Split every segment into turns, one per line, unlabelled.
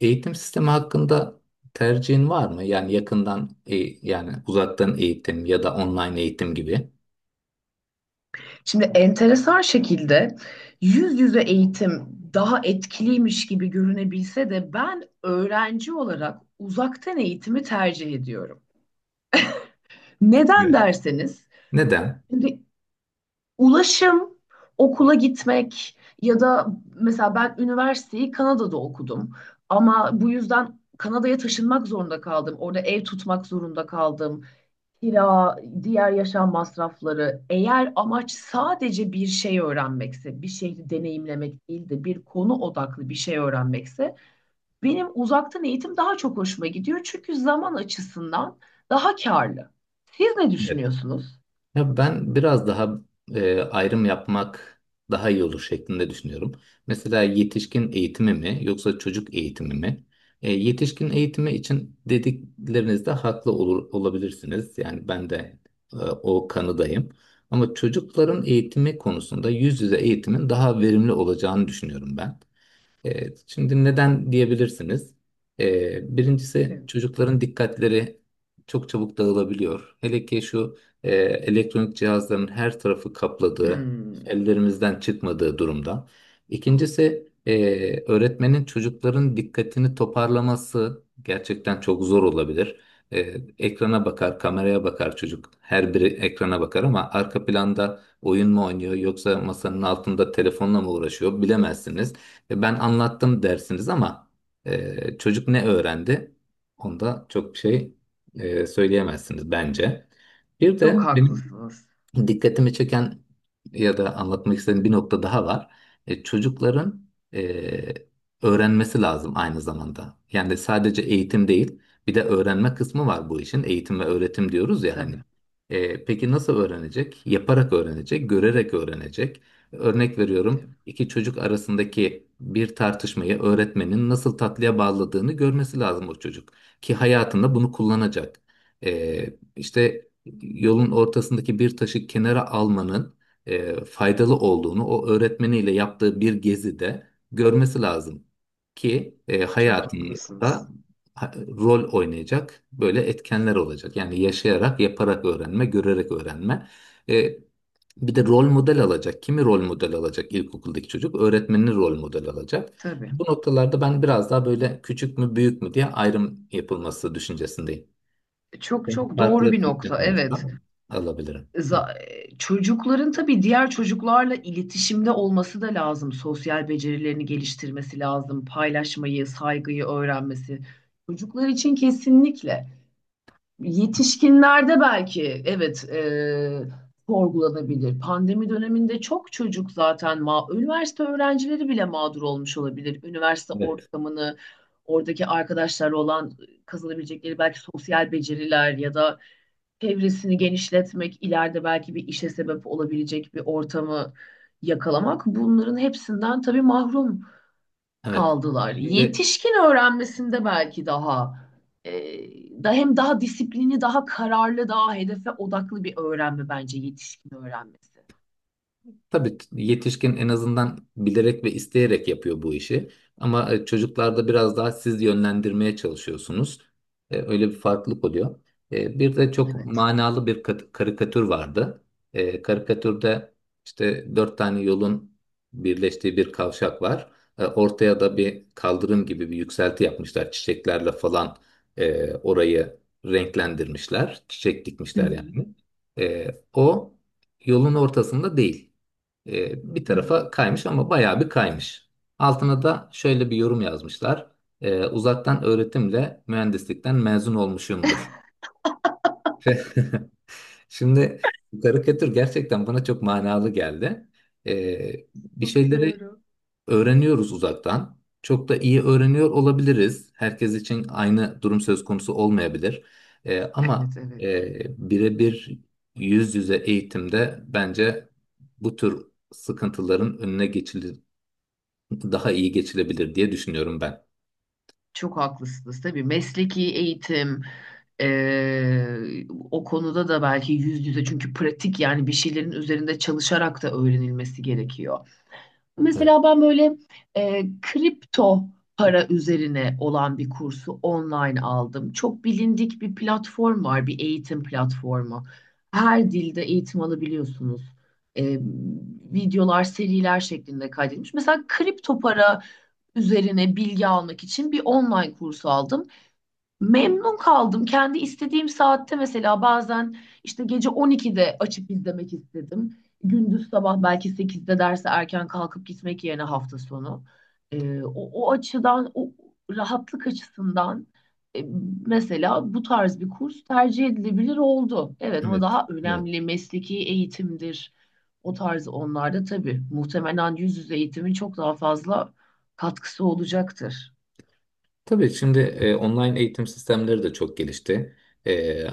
Eğitim sistemi hakkında tercihin var mı? Yani yakından, yani uzaktan eğitim ya da online eğitim gibi.
Şimdi enteresan şekilde yüz yüze eğitim daha etkiliymiş gibi görünebilse de ben öğrenci olarak uzaktan eğitimi tercih ediyorum. Neden
Evet.
derseniz,
Neden?
şimdi ulaşım, okula gitmek ya da mesela ben üniversiteyi Kanada'da okudum ama bu yüzden Kanada'ya taşınmak zorunda kaldım. Orada ev tutmak zorunda kaldım, kira, diğer yaşam masrafları. Eğer amaç sadece bir şey öğrenmekse, bir şeyi deneyimlemek değil de bir konu odaklı bir şey öğrenmekse, benim uzaktan eğitim daha çok hoşuma gidiyor. Çünkü zaman açısından daha karlı. Siz ne düşünüyorsunuz?
Ya ben biraz daha ayrım yapmak daha iyi olur şeklinde düşünüyorum. Mesela yetişkin eğitimi mi yoksa çocuk eğitimi mi? Yetişkin eğitimi için dediklerinizde haklı olur, olabilirsiniz. Yani ben de o kanıdayım. Ama çocukların eğitimi konusunda yüz yüze eğitimin daha verimli olacağını düşünüyorum ben. Evet, şimdi neden diyebilirsiniz? Birincisi
Evet,
çocukların dikkatleri çok çabuk dağılabiliyor. Hele ki şu elektronik cihazların her tarafı kapladığı,
hmm,
ellerimizden çıkmadığı durumda. İkincisi öğretmenin çocukların dikkatini toparlaması gerçekten çok zor olabilir. E, Ekrana bakar, kameraya bakar çocuk. Her biri ekrana bakar ama arka planda oyun mu oynuyor yoksa masanın altında telefonla mı uğraşıyor bilemezsiniz. Ben anlattım dersiniz ama çocuk ne öğrendi? Onda çok bir şey söyleyemezsiniz bence. Bir
çok
de benim
haklısınız.
dikkatimi çeken ya da anlatmak istediğim bir nokta daha var. Çocukların e, öğrenmesi lazım aynı zamanda. Yani sadece eğitim değil, bir de öğrenme kısmı var bu işin. Eğitim ve öğretim diyoruz ya hani.
Tabii,
Peki nasıl öğrenecek? Yaparak öğrenecek, görerek öğrenecek. Örnek veriyorum,
tabii.
iki çocuk arasındaki bir tartışmayı öğretmenin nasıl tatlıya bağladığını görmesi lazım o çocuk. Ki hayatında bunu kullanacak. İşte yolun ortasındaki bir taşı kenara almanın faydalı olduğunu o öğretmeniyle yaptığı bir gezide görmesi lazım ki
Çok
hayatında
haklısınız.
rol oynayacak böyle etkenler olacak. Yani yaşayarak, yaparak öğrenme, görerek öğrenme. E, Bir de rol model alacak. Kimi rol model alacak ilkokuldaki çocuk? Öğretmenini rol model alacak.
Tabii.
Bu noktalarda ben biraz daha böyle küçük mü büyük mü diye ayrım yapılması düşüncesindeyim.
Çok
Senin
çok doğru
farklı
bir
fikrin
nokta. Evet.
varsa alabilirim. Evet.
Çocukların tabii diğer çocuklarla iletişimde olması da lazım. Sosyal becerilerini geliştirmesi lazım. Paylaşmayı, saygıyı öğrenmesi. Çocuklar için kesinlikle. Yetişkinlerde belki evet, sorgulanabilir. Pandemi döneminde çok çocuk zaten üniversite öğrencileri bile mağdur olmuş olabilir. Üniversite
Evet.
ortamını, oradaki arkadaşlarla olan kazanabilecekleri belki sosyal beceriler ya da çevresini genişletmek, ileride belki bir işe sebep olabilecek bir ortamı yakalamak, bunların hepsinden tabii mahrum
Evet.
kaldılar.
Şimdi
Yetişkin öğrenmesinde belki daha e, da hem daha disiplinli, daha kararlı, daha hedefe odaklı bir öğrenme bence yetişkin öğrenmesi.
tabii yetişkin en azından bilerek ve isteyerek yapıyor bu işi. Ama çocuklarda biraz daha siz yönlendirmeye çalışıyorsunuz. Öyle bir farklılık oluyor. Bir de çok
Evet.
manalı bir karikatür vardı. Karikatürde işte dört tane yolun birleştiği bir kavşak var. Ortaya da bir kaldırım gibi bir yükselti yapmışlar. Çiçeklerle falan orayı renklendirmişler. Çiçek
Hı hı.
dikmişler yani. E, O yolun ortasında değil. Bir
Hı hı.
tarafa kaymış ama bayağı bir kaymış. Altına da şöyle bir yorum yazmışlar. Uzaktan öğretimle mühendislikten mezun olmuşumdur. Ve Şimdi bu karikatür gerçekten bana çok manalı geldi. Bir
Çok
şeyleri
doğru.
öğreniyoruz uzaktan. Çok da iyi öğreniyor olabiliriz. Herkes için aynı durum söz konusu olmayabilir. E, ama
Evet, evet.
birebir yüz yüze eğitimde bence bu tür sıkıntıların önüne daha iyi geçilebilir diye düşünüyorum ben.
Çok haklısınız tabii. Mesleki eğitim, o konuda da belki yüz yüze, çünkü pratik yani bir şeylerin üzerinde çalışarak da öğrenilmesi gerekiyor.
Evet,
Mesela ben böyle kripto para üzerine olan bir kursu online aldım. Çok bilindik bir platform var, bir eğitim platformu. Her dilde eğitim alabiliyorsunuz. E, Videolar, seriler şeklinde kaydedilmiş. Mesela kripto para üzerine bilgi almak için bir online kurs aldım. Memnun kaldım. Kendi istediğim saatte, mesela bazen işte gece 12'de açıp izlemek istedim. Gündüz sabah belki 8'de derse erken kalkıp gitmek yerine hafta sonu. Ee, o, o açıdan, o rahatlık açısından e, mesela bu tarz bir kurs tercih edilebilir oldu. Evet, ama
evet.
daha
Evet.
önemli mesleki eğitimdir. O tarz onlarda tabii muhtemelen yüz yüze eğitimin çok daha fazla katkısı olacaktır.
Tabii şimdi online eğitim sistemleri de çok gelişti. E,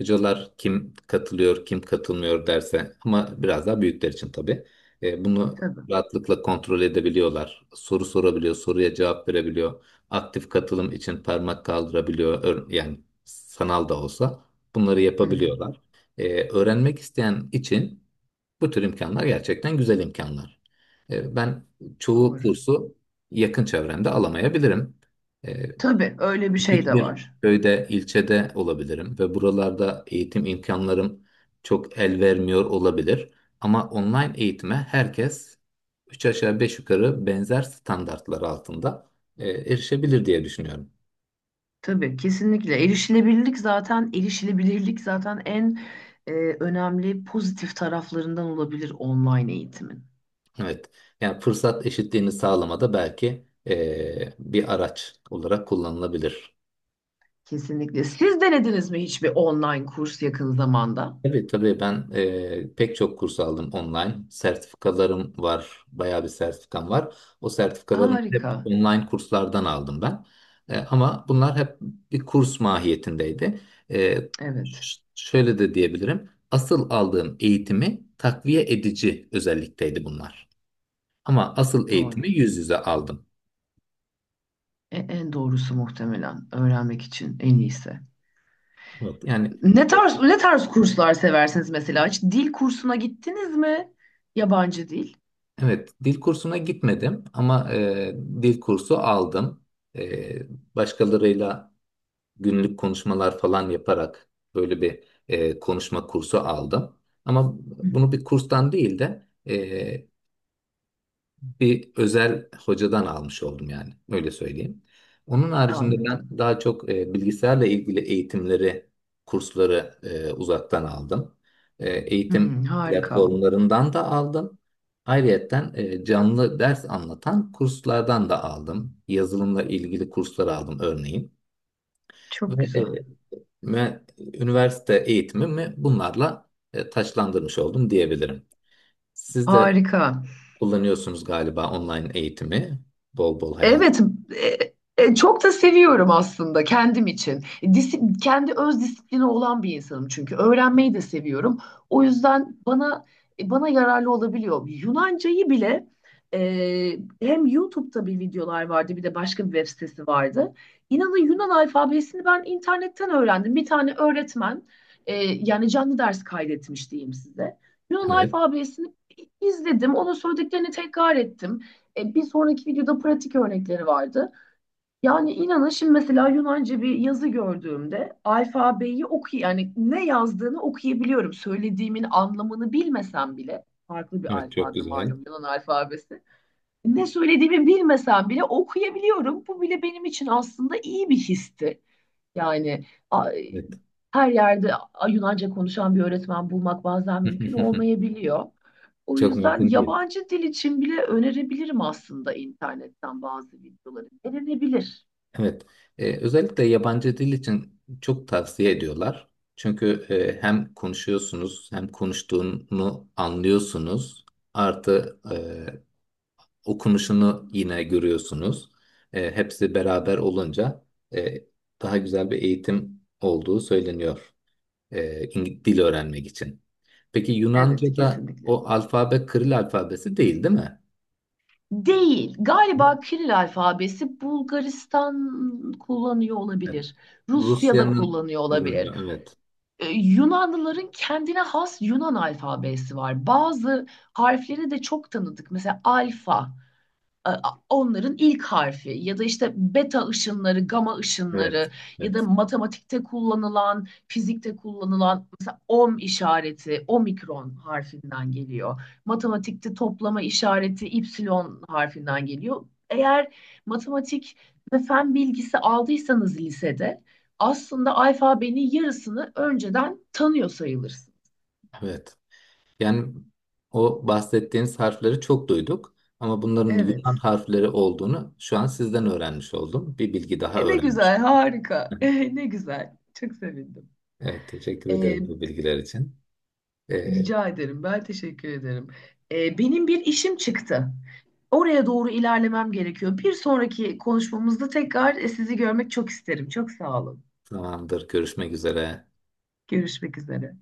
Hocalar kim katılıyor, kim katılmıyor derse, ama biraz daha büyükler için tabii. Bunu
Tabii.
rahatlıkla kontrol edebiliyorlar. Soru sorabiliyor, soruya cevap verebiliyor. Aktif katılım için parmak kaldırabiliyor. Yani sanal da olsa bunları
Hı hı.
yapabiliyorlar. Öğrenmek isteyen için bu tür imkanlar gerçekten güzel imkanlar. Ben çoğu
Doğru.
kursu yakın çevremde alamayabilirim. E,
Tabii öyle bir şey
Küçük
de
bir
var.
köyde, ilçede olabilirim ve buralarda eğitim imkanlarım çok el vermiyor olabilir. Ama online eğitime herkes 3 aşağı 5 yukarı benzer standartlar altında erişebilir diye düşünüyorum.
Tabii kesinlikle, erişilebilirlik zaten, erişilebilirlik zaten en e, önemli pozitif taraflarından olabilir online eğitimin.
Evet, yani fırsat eşitliğini sağlamada belki bir araç olarak kullanılabilir.
Kesinlikle. Siz denediniz mi hiçbir online kurs yakın zamanda?
Tabii tabii, ben pek çok kurs aldım online. Sertifikalarım var. Bayağı bir sertifikam var. O sertifikalarımı hep
Harika.
online kurslardan aldım ben. Ama bunlar hep bir kurs mahiyetindeydi. E,
Evet,
Şöyle de diyebilirim. Asıl aldığım eğitimi takviye edici özellikteydi bunlar. Ama asıl
doğru.
eğitimi yüz yüze aldım.
En doğrusu muhtemelen öğrenmek için en iyisi.
Evet, yani
Ne
e,
tarz, ne tarz kurslar seversiniz mesela? Hiç dil kursuna gittiniz mi? Yabancı dil.
evet, dil kursuna gitmedim ama dil kursu aldım. Başkalarıyla günlük konuşmalar falan yaparak böyle bir konuşma kursu aldım. Ama
Hı.
bunu bir kurstan değil de bir özel hocadan almış oldum, yani öyle söyleyeyim. Onun haricinde ben
Anladım.
daha çok bilgisayarla ilgili eğitimleri, kursları uzaktan aldım. Eğitim
Hmm, harika.
platformlarından da aldım. Ayrıyeten canlı ders anlatan kurslardan da aldım. Yazılımla ilgili kurslar aldım örneğin.
Çok
ve
güzel.
e, Ve üniversite eğitimimi bunlarla taçlandırmış oldum diyebilirim. Siz de
Harika.
kullanıyorsunuz galiba online eğitimi. Bol bol hayat.
Evet, çok da seviyorum aslında kendim için. Kendi öz disiplini olan bir insanım, çünkü öğrenmeyi de seviyorum. O yüzden bana yararlı olabiliyor. Yunancayı bile e, hem YouTube'da bir videolar vardı, bir de başka bir web sitesi vardı. İnanın Yunan alfabesini ben internetten öğrendim. Bir tane öğretmen yani canlı ders kaydetmiş diyeyim size. Yunan
Evet.
alfabesini izledim, onun söylediklerini tekrar ettim. Bir sonraki videoda pratik örnekleri vardı. Yani inanın şimdi mesela Yunanca bir yazı gördüğümde alfabeyi yani ne yazdığını okuyabiliyorum. Söylediğimin anlamını bilmesem bile, farklı bir
Evet, çok
alfabe
güzel.
malum Yunan alfabesi. Ne söylediğimi bilmesem bile okuyabiliyorum. Bu bile benim için aslında iyi bir histi. Yani
Evet.
her yerde Yunanca konuşan bir öğretmen bulmak bazen mümkün olmayabiliyor. O
Çok
yüzden
mümkün değil.
yabancı dil için bile önerebilirim aslında internetten bazı videoları. Denenebilir.
Evet. Özellikle yabancı dil için çok tavsiye ediyorlar. Çünkü hem konuşuyorsunuz hem konuştuğunu anlıyorsunuz. Artı okunuşunu yine görüyorsunuz. Hepsi beraber olunca e, daha güzel bir eğitim olduğu söyleniyor dil öğrenmek için. Peki
Evet,
Yunanca'da
kesinlikle.
o alfabe Kiril alfabesi değil, değil mi?
Değil.
Yok.
Galiba Kiril alfabesi Bulgaristan kullanıyor
Evet.
olabilir. Rusya'da
Rusya'nın
kullanıyor olabilir.
kullanıyor. Evet.
Yunanlıların kendine has Yunan alfabesi var. Bazı harfleri de çok tanıdık. Mesela alfa, e, onların ilk harfi ya da işte beta ışınları, gama
Evet.
ışınları ya da
Evet.
matematikte kullanılan, fizikte kullanılan mesela ohm işareti, omikron harfinden geliyor. Matematikte toplama işareti ipsilon harfinden geliyor. Eğer matematik ve fen bilgisi aldıysanız lisede, aslında alfabenin yarısını önceden tanıyor sayılırsın.
Evet. Yani o bahsettiğiniz harfleri çok duyduk ama bunların Yunan
Evet.
harfleri olduğunu şu an sizden öğrenmiş oldum. Bir bilgi daha
Ne
öğrenmiş
güzel, harika.
oldum.
Ne güzel. Çok sevindim.
Evet, teşekkür
E,
ederiz bu bilgiler için. Ee,
Rica ederim. Ben teşekkür ederim. Benim bir işim çıktı. Oraya doğru ilerlemem gerekiyor. Bir sonraki konuşmamızda tekrar sizi görmek çok isterim. Çok sağ olun.
Zamandır görüşmek üzere.
Görüşmek üzere.